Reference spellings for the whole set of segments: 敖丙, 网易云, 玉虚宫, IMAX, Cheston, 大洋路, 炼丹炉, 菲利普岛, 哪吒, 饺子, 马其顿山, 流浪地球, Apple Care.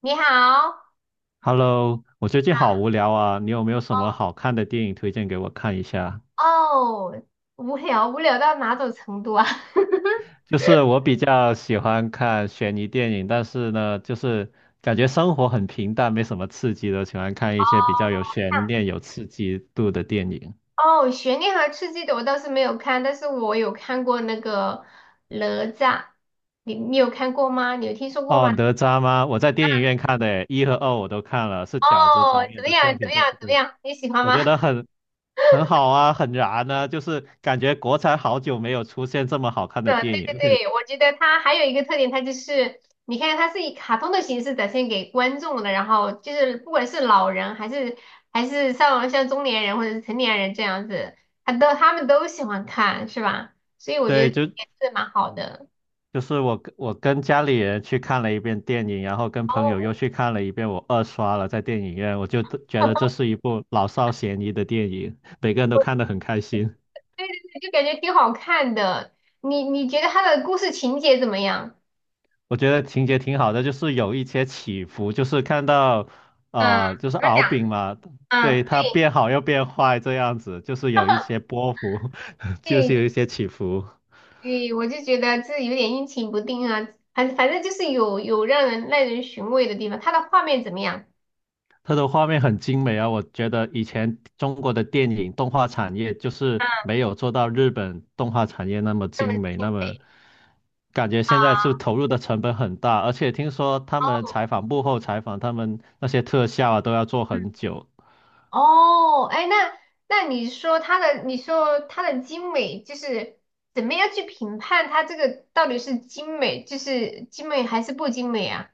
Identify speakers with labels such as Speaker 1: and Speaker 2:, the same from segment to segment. Speaker 1: 你好。
Speaker 2: Hello，我最近好无聊啊，你有没有什么好看的电影推荐给我看一下？
Speaker 1: 哦，无聊？无聊到哪种程度啊？
Speaker 2: 就是我比较喜欢看悬疑电影，但是呢，就是感觉生活很平淡，没什么刺激的，喜欢看一些比较有悬念、有刺激度的电影。
Speaker 1: 哦，悬念和刺激的我倒是没有看，但是我有看过那个哪吒，你有看过吗？你有听说过
Speaker 2: 哦，
Speaker 1: 吗？
Speaker 2: 哪吒吗？我在电影院看的诶，一和二我都看了，是饺子
Speaker 1: 哦，
Speaker 2: 导
Speaker 1: 怎
Speaker 2: 演
Speaker 1: 么
Speaker 2: 的作
Speaker 1: 样？怎
Speaker 2: 品，
Speaker 1: 么
Speaker 2: 对
Speaker 1: 样？
Speaker 2: 不
Speaker 1: 怎么
Speaker 2: 对？
Speaker 1: 样？你喜欢
Speaker 2: 我觉
Speaker 1: 吗？
Speaker 2: 得很好啊，很燃啊，就是感觉国产好久没有出现这么好看的
Speaker 1: 的，
Speaker 2: 电
Speaker 1: 对
Speaker 2: 影，
Speaker 1: 对
Speaker 2: 而且
Speaker 1: 对，我觉得它还有一个特点，它就是你看它是以卡通的形式展现给观众的，然后就是不管是老人还是还是像中年人或者是成年人这样子，他们都喜欢看，是吧？所以我觉
Speaker 2: 对，
Speaker 1: 得
Speaker 2: 就
Speaker 1: 也是蛮好的。
Speaker 2: 就是我跟家里人去看了一遍电影，然后跟朋友又
Speaker 1: 哦，
Speaker 2: 去看了一遍，我二刷了在电影院，我就觉得这是一部老少咸宜的电影，每个人都看得很开心。
Speaker 1: 对对对，就感觉挺好看的。你觉得它的故事情节怎么样？
Speaker 2: 我觉得情节挺好的，就是有一些起伏，就是看到
Speaker 1: 嗯，
Speaker 2: 就是
Speaker 1: 怎么
Speaker 2: 敖
Speaker 1: 讲？
Speaker 2: 丙嘛，
Speaker 1: 嗯，
Speaker 2: 对，他
Speaker 1: 对
Speaker 2: 变好又变坏这样子，就是有一些波幅，就是有
Speaker 1: 对
Speaker 2: 一些起伏。
Speaker 1: 对，我就觉得这有点阴晴不定啊，反正就是有让人耐人寻味的地方。它的画面怎么样？
Speaker 2: 它的画面很精美啊，我觉得以前中国的电影动画产业就是没有做到日本动画产业那么
Speaker 1: 那么
Speaker 2: 精美，
Speaker 1: 精
Speaker 2: 那么
Speaker 1: 美
Speaker 2: 感觉现在
Speaker 1: 啊！
Speaker 2: 是投入的成本很大，而且听说他们
Speaker 1: 哦，
Speaker 2: 采访幕后采访，他们那些特效啊都要做
Speaker 1: 嗯，
Speaker 2: 很久。
Speaker 1: 哦，哎，那你说它的，你说它的精美，就是怎么样去评判它这个到底是精美，就是精美还是不精美啊？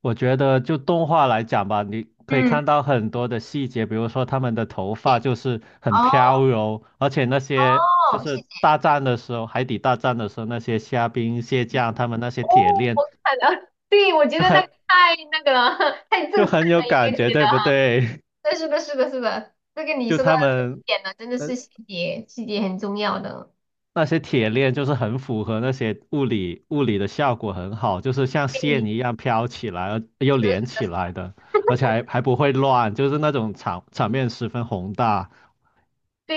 Speaker 2: 我觉得就动画来讲吧，你可以
Speaker 1: 嗯，
Speaker 2: 看到很多的细节，比如说他们的头发就是很
Speaker 1: 哦
Speaker 2: 飘柔，而且那些就
Speaker 1: 哦，谢
Speaker 2: 是
Speaker 1: 谢。
Speaker 2: 大战的时候，海底大战的时候，那些虾兵蟹将，他们那些
Speaker 1: 哦，
Speaker 2: 铁
Speaker 1: 我
Speaker 2: 链。
Speaker 1: 看了，对，我觉
Speaker 2: 就
Speaker 1: 得那个
Speaker 2: 很
Speaker 1: 太那个了，太震
Speaker 2: 就
Speaker 1: 撼
Speaker 2: 很有
Speaker 1: 了，有没
Speaker 2: 感
Speaker 1: 有
Speaker 2: 觉，
Speaker 1: 觉得？
Speaker 2: 对不对？
Speaker 1: 对，是的，是的，是的，这个 你
Speaker 2: 就
Speaker 1: 说的
Speaker 2: 他
Speaker 1: 这个
Speaker 2: 们
Speaker 1: 点了，真的
Speaker 2: 那
Speaker 1: 是细节，细节很重要的。
Speaker 2: 那些铁链，就是很符合那些物理的效果很好，就是像线
Speaker 1: 对，
Speaker 2: 一样飘起来，而又
Speaker 1: 是的，是
Speaker 2: 连起来
Speaker 1: 的，
Speaker 2: 的，而且还不会乱，就是那种场面十分宏大。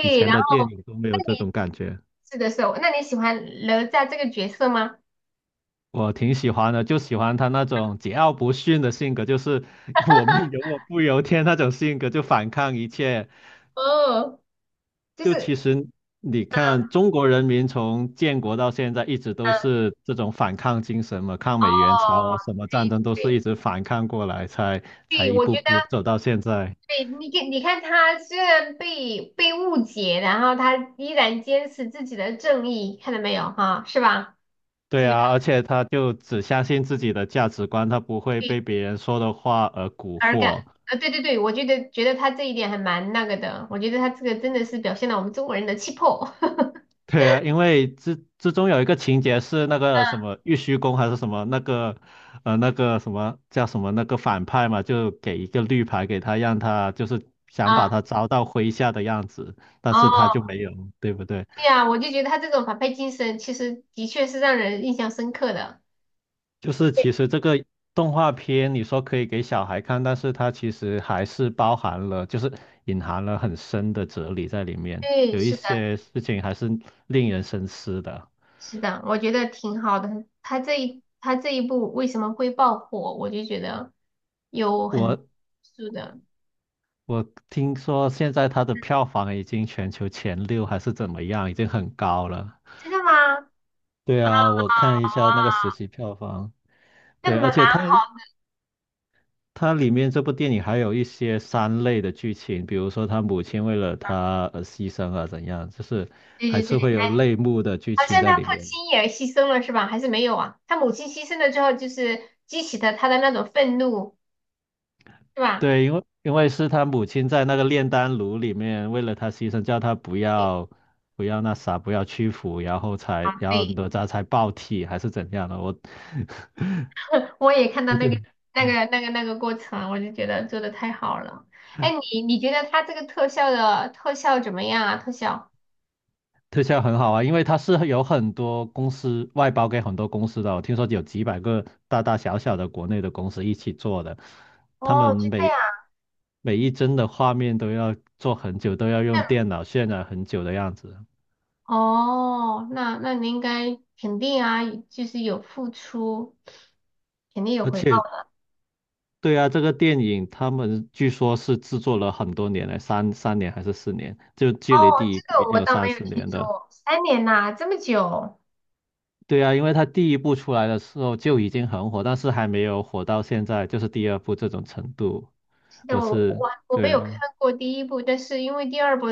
Speaker 2: 以前
Speaker 1: 然后
Speaker 2: 的电影都没有
Speaker 1: 那
Speaker 2: 这
Speaker 1: 你
Speaker 2: 种感觉，
Speaker 1: 是的时候，那你喜欢哪吒这个角色吗？
Speaker 2: 我挺喜欢的，就喜欢他那种桀骜不驯的性格，就是 我命由我不由天那种性格，就反抗一切，
Speaker 1: 哦，就是，
Speaker 2: 就其实你看，中国人民从建国到现在一直都
Speaker 1: 嗯，
Speaker 2: 是这种反抗精神嘛，抗
Speaker 1: 哦，
Speaker 2: 美援朝啊，什么战
Speaker 1: 对
Speaker 2: 争都是
Speaker 1: 对
Speaker 2: 一直反抗过来，才
Speaker 1: 对，
Speaker 2: 一
Speaker 1: 我
Speaker 2: 步
Speaker 1: 觉得，
Speaker 2: 步走到现在。
Speaker 1: 对，你看，你看他虽然被误解，然后他依然坚持自己的正义，看到没有哈，是吧？
Speaker 2: 对
Speaker 1: 这个。
Speaker 2: 啊，而且他就只相信自己的价值观，他不会被别人说的话而蛊
Speaker 1: 而感
Speaker 2: 惑。
Speaker 1: 啊，对对对，我觉得他这一点还蛮那个的，我觉得他这个真的是表现了我们中国人的气魄。
Speaker 2: 对啊，因为之中有一个情节是那个什么玉虚宫还是什么那个，那个什么叫什么那个反派嘛，就给一个绿牌给他，让他就是想把
Speaker 1: 啊，
Speaker 2: 他招到麾下的样子，但是他
Speaker 1: 哦，
Speaker 2: 就没有，对不对？
Speaker 1: 对呀，我就觉得他这种反派精神，其实的确是让人印象深刻的。
Speaker 2: 就是
Speaker 1: 对，
Speaker 2: 其实这个动画片你说可以给小孩看，但是它其实还是包含了，就是隐含了很深的哲理在里面，
Speaker 1: 对，
Speaker 2: 有一
Speaker 1: 是的，
Speaker 2: 些事情还是令人深思的。
Speaker 1: 是的，我觉得挺好的。他这一部为什么会爆火，我就觉得有很
Speaker 2: 我
Speaker 1: 是的，
Speaker 2: 我听说现在它的票房已经全球前六还是怎么样，已经很高了。
Speaker 1: 真的吗？啊，
Speaker 2: 对啊，我看一下那个实习票房。
Speaker 1: 那
Speaker 2: 对，
Speaker 1: 蛮
Speaker 2: 而
Speaker 1: 蛮
Speaker 2: 且它
Speaker 1: 好的。
Speaker 2: 它里面这部电影还有一些三类的剧情，比如说他母亲为了他而牺牲啊怎样，就是
Speaker 1: 对
Speaker 2: 还
Speaker 1: 对
Speaker 2: 是
Speaker 1: 对。
Speaker 2: 会有泪目的剧
Speaker 1: 好
Speaker 2: 情
Speaker 1: 像
Speaker 2: 在
Speaker 1: 他父
Speaker 2: 里面。
Speaker 1: 亲也牺牲了是吧？还是没有啊？他母亲牺牲了之后，就是激起的他的那种愤怒，是吧？
Speaker 2: 对，因为是他母亲在那个炼丹炉里面为了他牺牲，叫他不要那啥，不要屈服，然后才
Speaker 1: 啊，
Speaker 2: 然后
Speaker 1: 对，
Speaker 2: 哪吒才爆体还是怎样的？我
Speaker 1: 我也看到
Speaker 2: 我
Speaker 1: 那
Speaker 2: 觉
Speaker 1: 个
Speaker 2: 得
Speaker 1: 那个那个那个过程，我就觉得做的太好了。哎，你你觉得他这个特效的特效怎么样啊？特效？
Speaker 2: 特效很好啊，因为它是有很多公司外包给很多公司的哦，我听说有几百个大大小小的国内的公司一起做的，他
Speaker 1: 哦，
Speaker 2: 们
Speaker 1: 就这
Speaker 2: 每
Speaker 1: 样。
Speaker 2: 每一帧的画面都要做很久，都要用电脑渲染很久的样子。
Speaker 1: 哦，那你应该肯定啊，就是有付出，肯定有
Speaker 2: 而
Speaker 1: 回报
Speaker 2: 且
Speaker 1: 的。
Speaker 2: 对啊，这个电影他们据说是制作了很多年了，三年还是四年，就
Speaker 1: 哦，
Speaker 2: 距离第一
Speaker 1: 这
Speaker 2: 部已
Speaker 1: 个
Speaker 2: 经
Speaker 1: 我
Speaker 2: 有
Speaker 1: 倒
Speaker 2: 三
Speaker 1: 没有
Speaker 2: 四
Speaker 1: 听
Speaker 2: 年的。
Speaker 1: 说，3年呐，这么久。
Speaker 2: 对啊，因为他第一部出来的时候就已经很火，但是还没有火到现在，就是第二部这种程度。
Speaker 1: 是的，
Speaker 2: 我
Speaker 1: 我
Speaker 2: 是，
Speaker 1: 我我
Speaker 2: 对
Speaker 1: 没有看
Speaker 2: 啊，
Speaker 1: 过第一部，但是因为第二部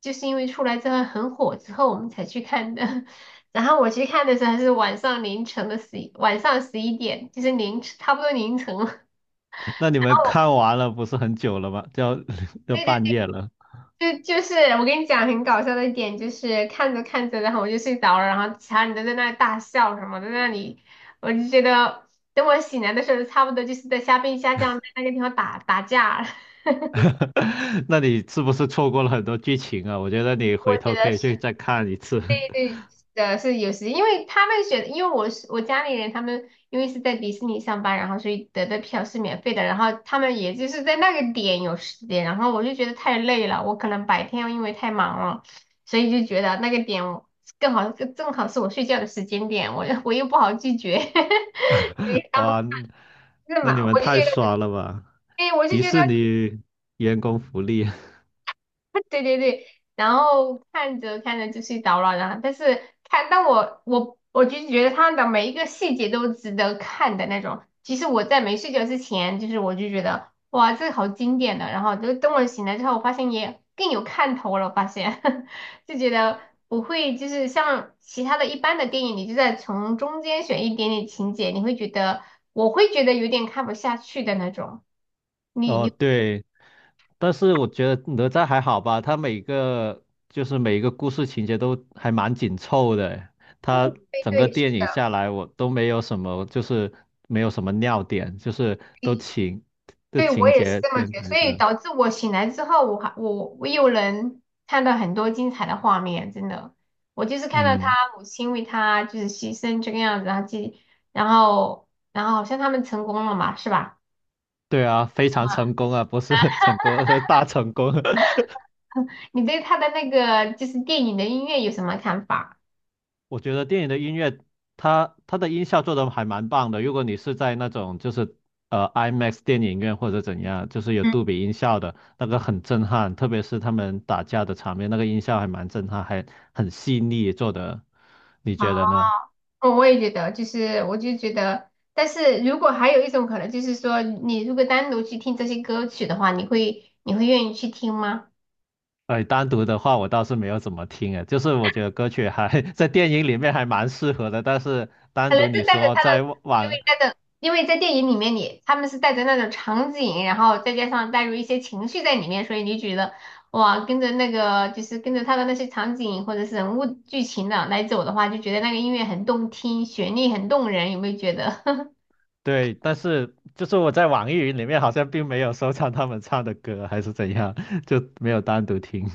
Speaker 1: 就是因为出来之后很火之后我们才去看的。然后我去看的时候还是晚上凌晨的11，晚上11点，就是凌晨差不多凌晨了。然
Speaker 2: 那你
Speaker 1: 后
Speaker 2: 们
Speaker 1: 我
Speaker 2: 看完了不是很久了吗？要
Speaker 1: 对对
Speaker 2: 半夜了，
Speaker 1: 对，就就是我跟你讲很搞笑的一点，就是看着看着，然后我就睡着了，然后其他人都在那里大笑什么的，在那里，我就觉得等我醒来的时候，差不多就是在虾兵虾将在那个地方打打架了
Speaker 2: 那你是不是错过了很多剧情啊？我觉得你回
Speaker 1: 我觉
Speaker 2: 头可
Speaker 1: 得
Speaker 2: 以
Speaker 1: 是。
Speaker 2: 去再看一次。
Speaker 1: 对 对，的，是有时，因为他们选，因为我是我家里人，他们因为是在迪士尼上班，然后所以得的票是免费的，然后他们也就是在那个点有时间，然后我就觉得太累了，我可能白天因为太忙了，所以就觉得那个点我更好，正好是我睡觉的时间点，我又不好拒绝，所 以他们
Speaker 2: 哇，
Speaker 1: 是
Speaker 2: 那你
Speaker 1: 嘛，
Speaker 2: 们
Speaker 1: 我就觉
Speaker 2: 太
Speaker 1: 得，
Speaker 2: 爽了吧！
Speaker 1: 哎，我就
Speaker 2: 迪
Speaker 1: 觉得。
Speaker 2: 士尼员工福利
Speaker 1: 对对对，然后看着看着就睡着了，但是，但我就是觉得他的每一个细节都值得看的那种。其实我在没睡觉之前，就是我就觉得哇，这个好经典的，然后就等我醒来之后，我发现也更有看头了，我发现 就觉得不会就是像其他的一般的电影，你就在从中间选一点点情节，你会觉得我会觉得有点看不下去的那种，你
Speaker 2: 哦，
Speaker 1: 你
Speaker 2: 对，但是我觉得哪吒还好吧，他每个就是每一个故事情节都还蛮紧凑的，他
Speaker 1: 会
Speaker 2: 整个
Speaker 1: 对。
Speaker 2: 电影下来我都没有什么，就是没有什么尿点，就是都
Speaker 1: 对，我
Speaker 2: 情
Speaker 1: 也是
Speaker 2: 节
Speaker 1: 这么
Speaker 2: 编
Speaker 1: 觉得，
Speaker 2: 排
Speaker 1: 所以
Speaker 2: 的，
Speaker 1: 导致我醒来之后，我还我我又能看到很多精彩的画面，真的。我就是看到他
Speaker 2: 嗯，
Speaker 1: 母亲为他就是牺牲这个样子，然后继然后然后好像他们成功了嘛，是吧？
Speaker 2: 对啊，非常成功啊，不是 成功，是大成功。
Speaker 1: 你对他的那个就是电影的音乐有什么看法？
Speaker 2: 我觉得电影的音乐，它的音效做的还蛮棒的。如果你是在那种就是IMAX 电影院或者怎样，就是有
Speaker 1: 嗯，
Speaker 2: 杜比音效的那个很震撼，特别是他们打架的场面，那个音效还蛮震撼，还很细腻做的。你
Speaker 1: 好，
Speaker 2: 觉得呢？
Speaker 1: 我也觉得，就是我就觉得，但是如果还有一种可能，就是说你如果单独去听这些歌曲的话，你会愿意去听吗？
Speaker 2: 哎，单独的话我倒是没有怎么听诶，就是我觉得歌曲还 在电影里面还蛮适合的，但是
Speaker 1: 可
Speaker 2: 单
Speaker 1: 能
Speaker 2: 独你
Speaker 1: 是带着
Speaker 2: 说
Speaker 1: 他的，因为带着，因为在电影里面你他们是带着那种场景，然后再加上带入一些情绪在里面，所以你觉得哇，跟着那个就是跟着他的那些场景或者是人物剧情的来走的话，就觉得那个音乐很动听，旋律很动人，有没有觉得？
Speaker 2: 对，但是就是我在网易云里面好像并没有收藏他们唱的歌，还是怎样，就没有单独听。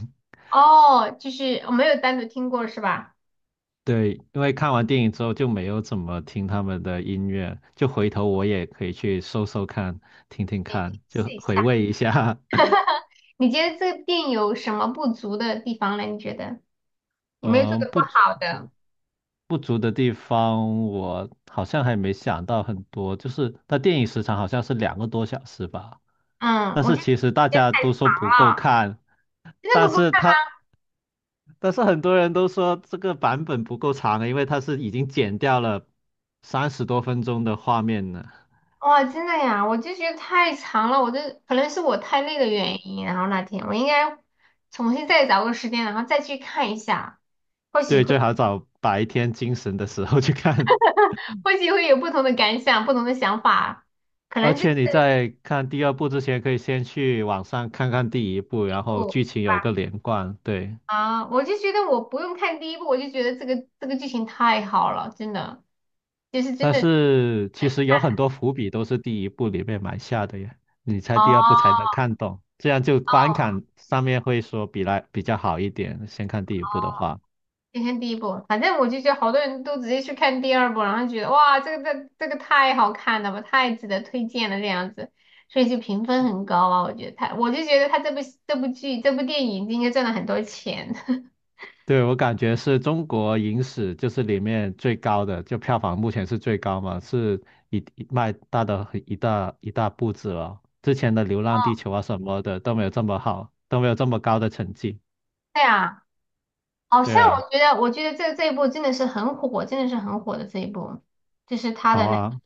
Speaker 1: 哦，就是我没有单独听过是吧？
Speaker 2: 对，因为看完电影之后就没有怎么听他们的音乐，就回头我也可以去搜搜看，听听
Speaker 1: 哎，
Speaker 2: 看，就
Speaker 1: 试一
Speaker 2: 回
Speaker 1: 下，
Speaker 2: 味一下。
Speaker 1: 你觉得这个电影有什么不足的地方呢？你觉得有没有做
Speaker 2: 嗯，
Speaker 1: 的不
Speaker 2: 不足
Speaker 1: 好的？
Speaker 2: 不足的地方，我好像还没想到很多，就是它电影时长好像是2个多小时吧，
Speaker 1: 嗯，
Speaker 2: 但
Speaker 1: 我
Speaker 2: 是
Speaker 1: 觉得时
Speaker 2: 其实大
Speaker 1: 间
Speaker 2: 家
Speaker 1: 太长
Speaker 2: 都说不够
Speaker 1: 了，
Speaker 2: 看。
Speaker 1: 真的
Speaker 2: 但
Speaker 1: 不够。
Speaker 2: 是它但是很多人都说这个版本不够长了，因为它是已经剪掉了30多分钟的画面了。
Speaker 1: 哇，真的呀，我就觉得太长了，我就可能是我太累的原因，然后那天我应该重新再找个时间，然后再去看一下，或许
Speaker 2: 对，
Speaker 1: 会
Speaker 2: 最好找白天精神的时候去看。
Speaker 1: 或许会有不同的感想，不同的想法，可
Speaker 2: 而
Speaker 1: 能就是
Speaker 2: 且你在看第二部之前，可以先去网上看看第一部，
Speaker 1: 这
Speaker 2: 然后
Speaker 1: 部
Speaker 2: 剧
Speaker 1: 是
Speaker 2: 情有个
Speaker 1: 吧？
Speaker 2: 连贯。对，
Speaker 1: 啊，我就觉得我不用看第一部，我就觉得这个剧情太好了，真的，就是真
Speaker 2: 但
Speaker 1: 的，
Speaker 2: 是其实有很多伏笔都是第一部里面埋下的呀。你
Speaker 1: 哦
Speaker 2: 猜第二部才能
Speaker 1: 哦
Speaker 2: 看懂，这样就观感上面会说比来比较好一点。先看第一部的
Speaker 1: 哦。
Speaker 2: 话。
Speaker 1: 先看第一部，反正我就觉得好多人都直接去看第二部，然后觉得哇，这个太好看了吧，太值得推荐了这样子，所以就评分很高啊。我觉得他，我就觉得他这部电影应该赚了很多钱。
Speaker 2: 对，我感觉是中国影史就是里面最高的，就票房目前是最高嘛，是一迈大的很一大一大步子了。之前的《流浪地球》啊什么的都没有这么好，都没有这么高的成绩。
Speaker 1: 对啊，好
Speaker 2: 对
Speaker 1: 像
Speaker 2: 啊，
Speaker 1: 我觉得这一部真的是很火，真的是很火的这一部，就是他
Speaker 2: 好
Speaker 1: 的那
Speaker 2: 啊，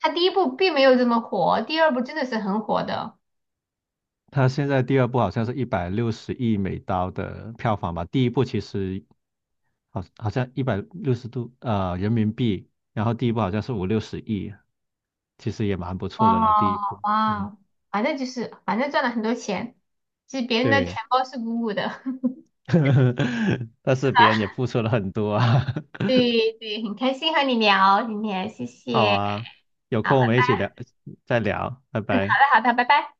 Speaker 1: 他第一部并没有这么火，第二部真的是很火的。
Speaker 2: 它现在第二部好像是160亿美刀的票房吧，第一部其实好像一百六十度人民币，然后第一部好像是五六十亿，其实也蛮不错的了，第一
Speaker 1: 哇，
Speaker 2: 部。嗯。
Speaker 1: 哇，反正就是反正赚了很多钱，其实别人的
Speaker 2: 对。
Speaker 1: 钱包是鼓鼓的。
Speaker 2: 但是别人也付出了很多啊。
Speaker 1: 对对，很开心和你聊今天，谢
Speaker 2: 好
Speaker 1: 谢。
Speaker 2: 啊，有
Speaker 1: 好，
Speaker 2: 空我们一起聊，再聊，拜
Speaker 1: 嗯，好
Speaker 2: 拜。
Speaker 1: 的好的，拜拜。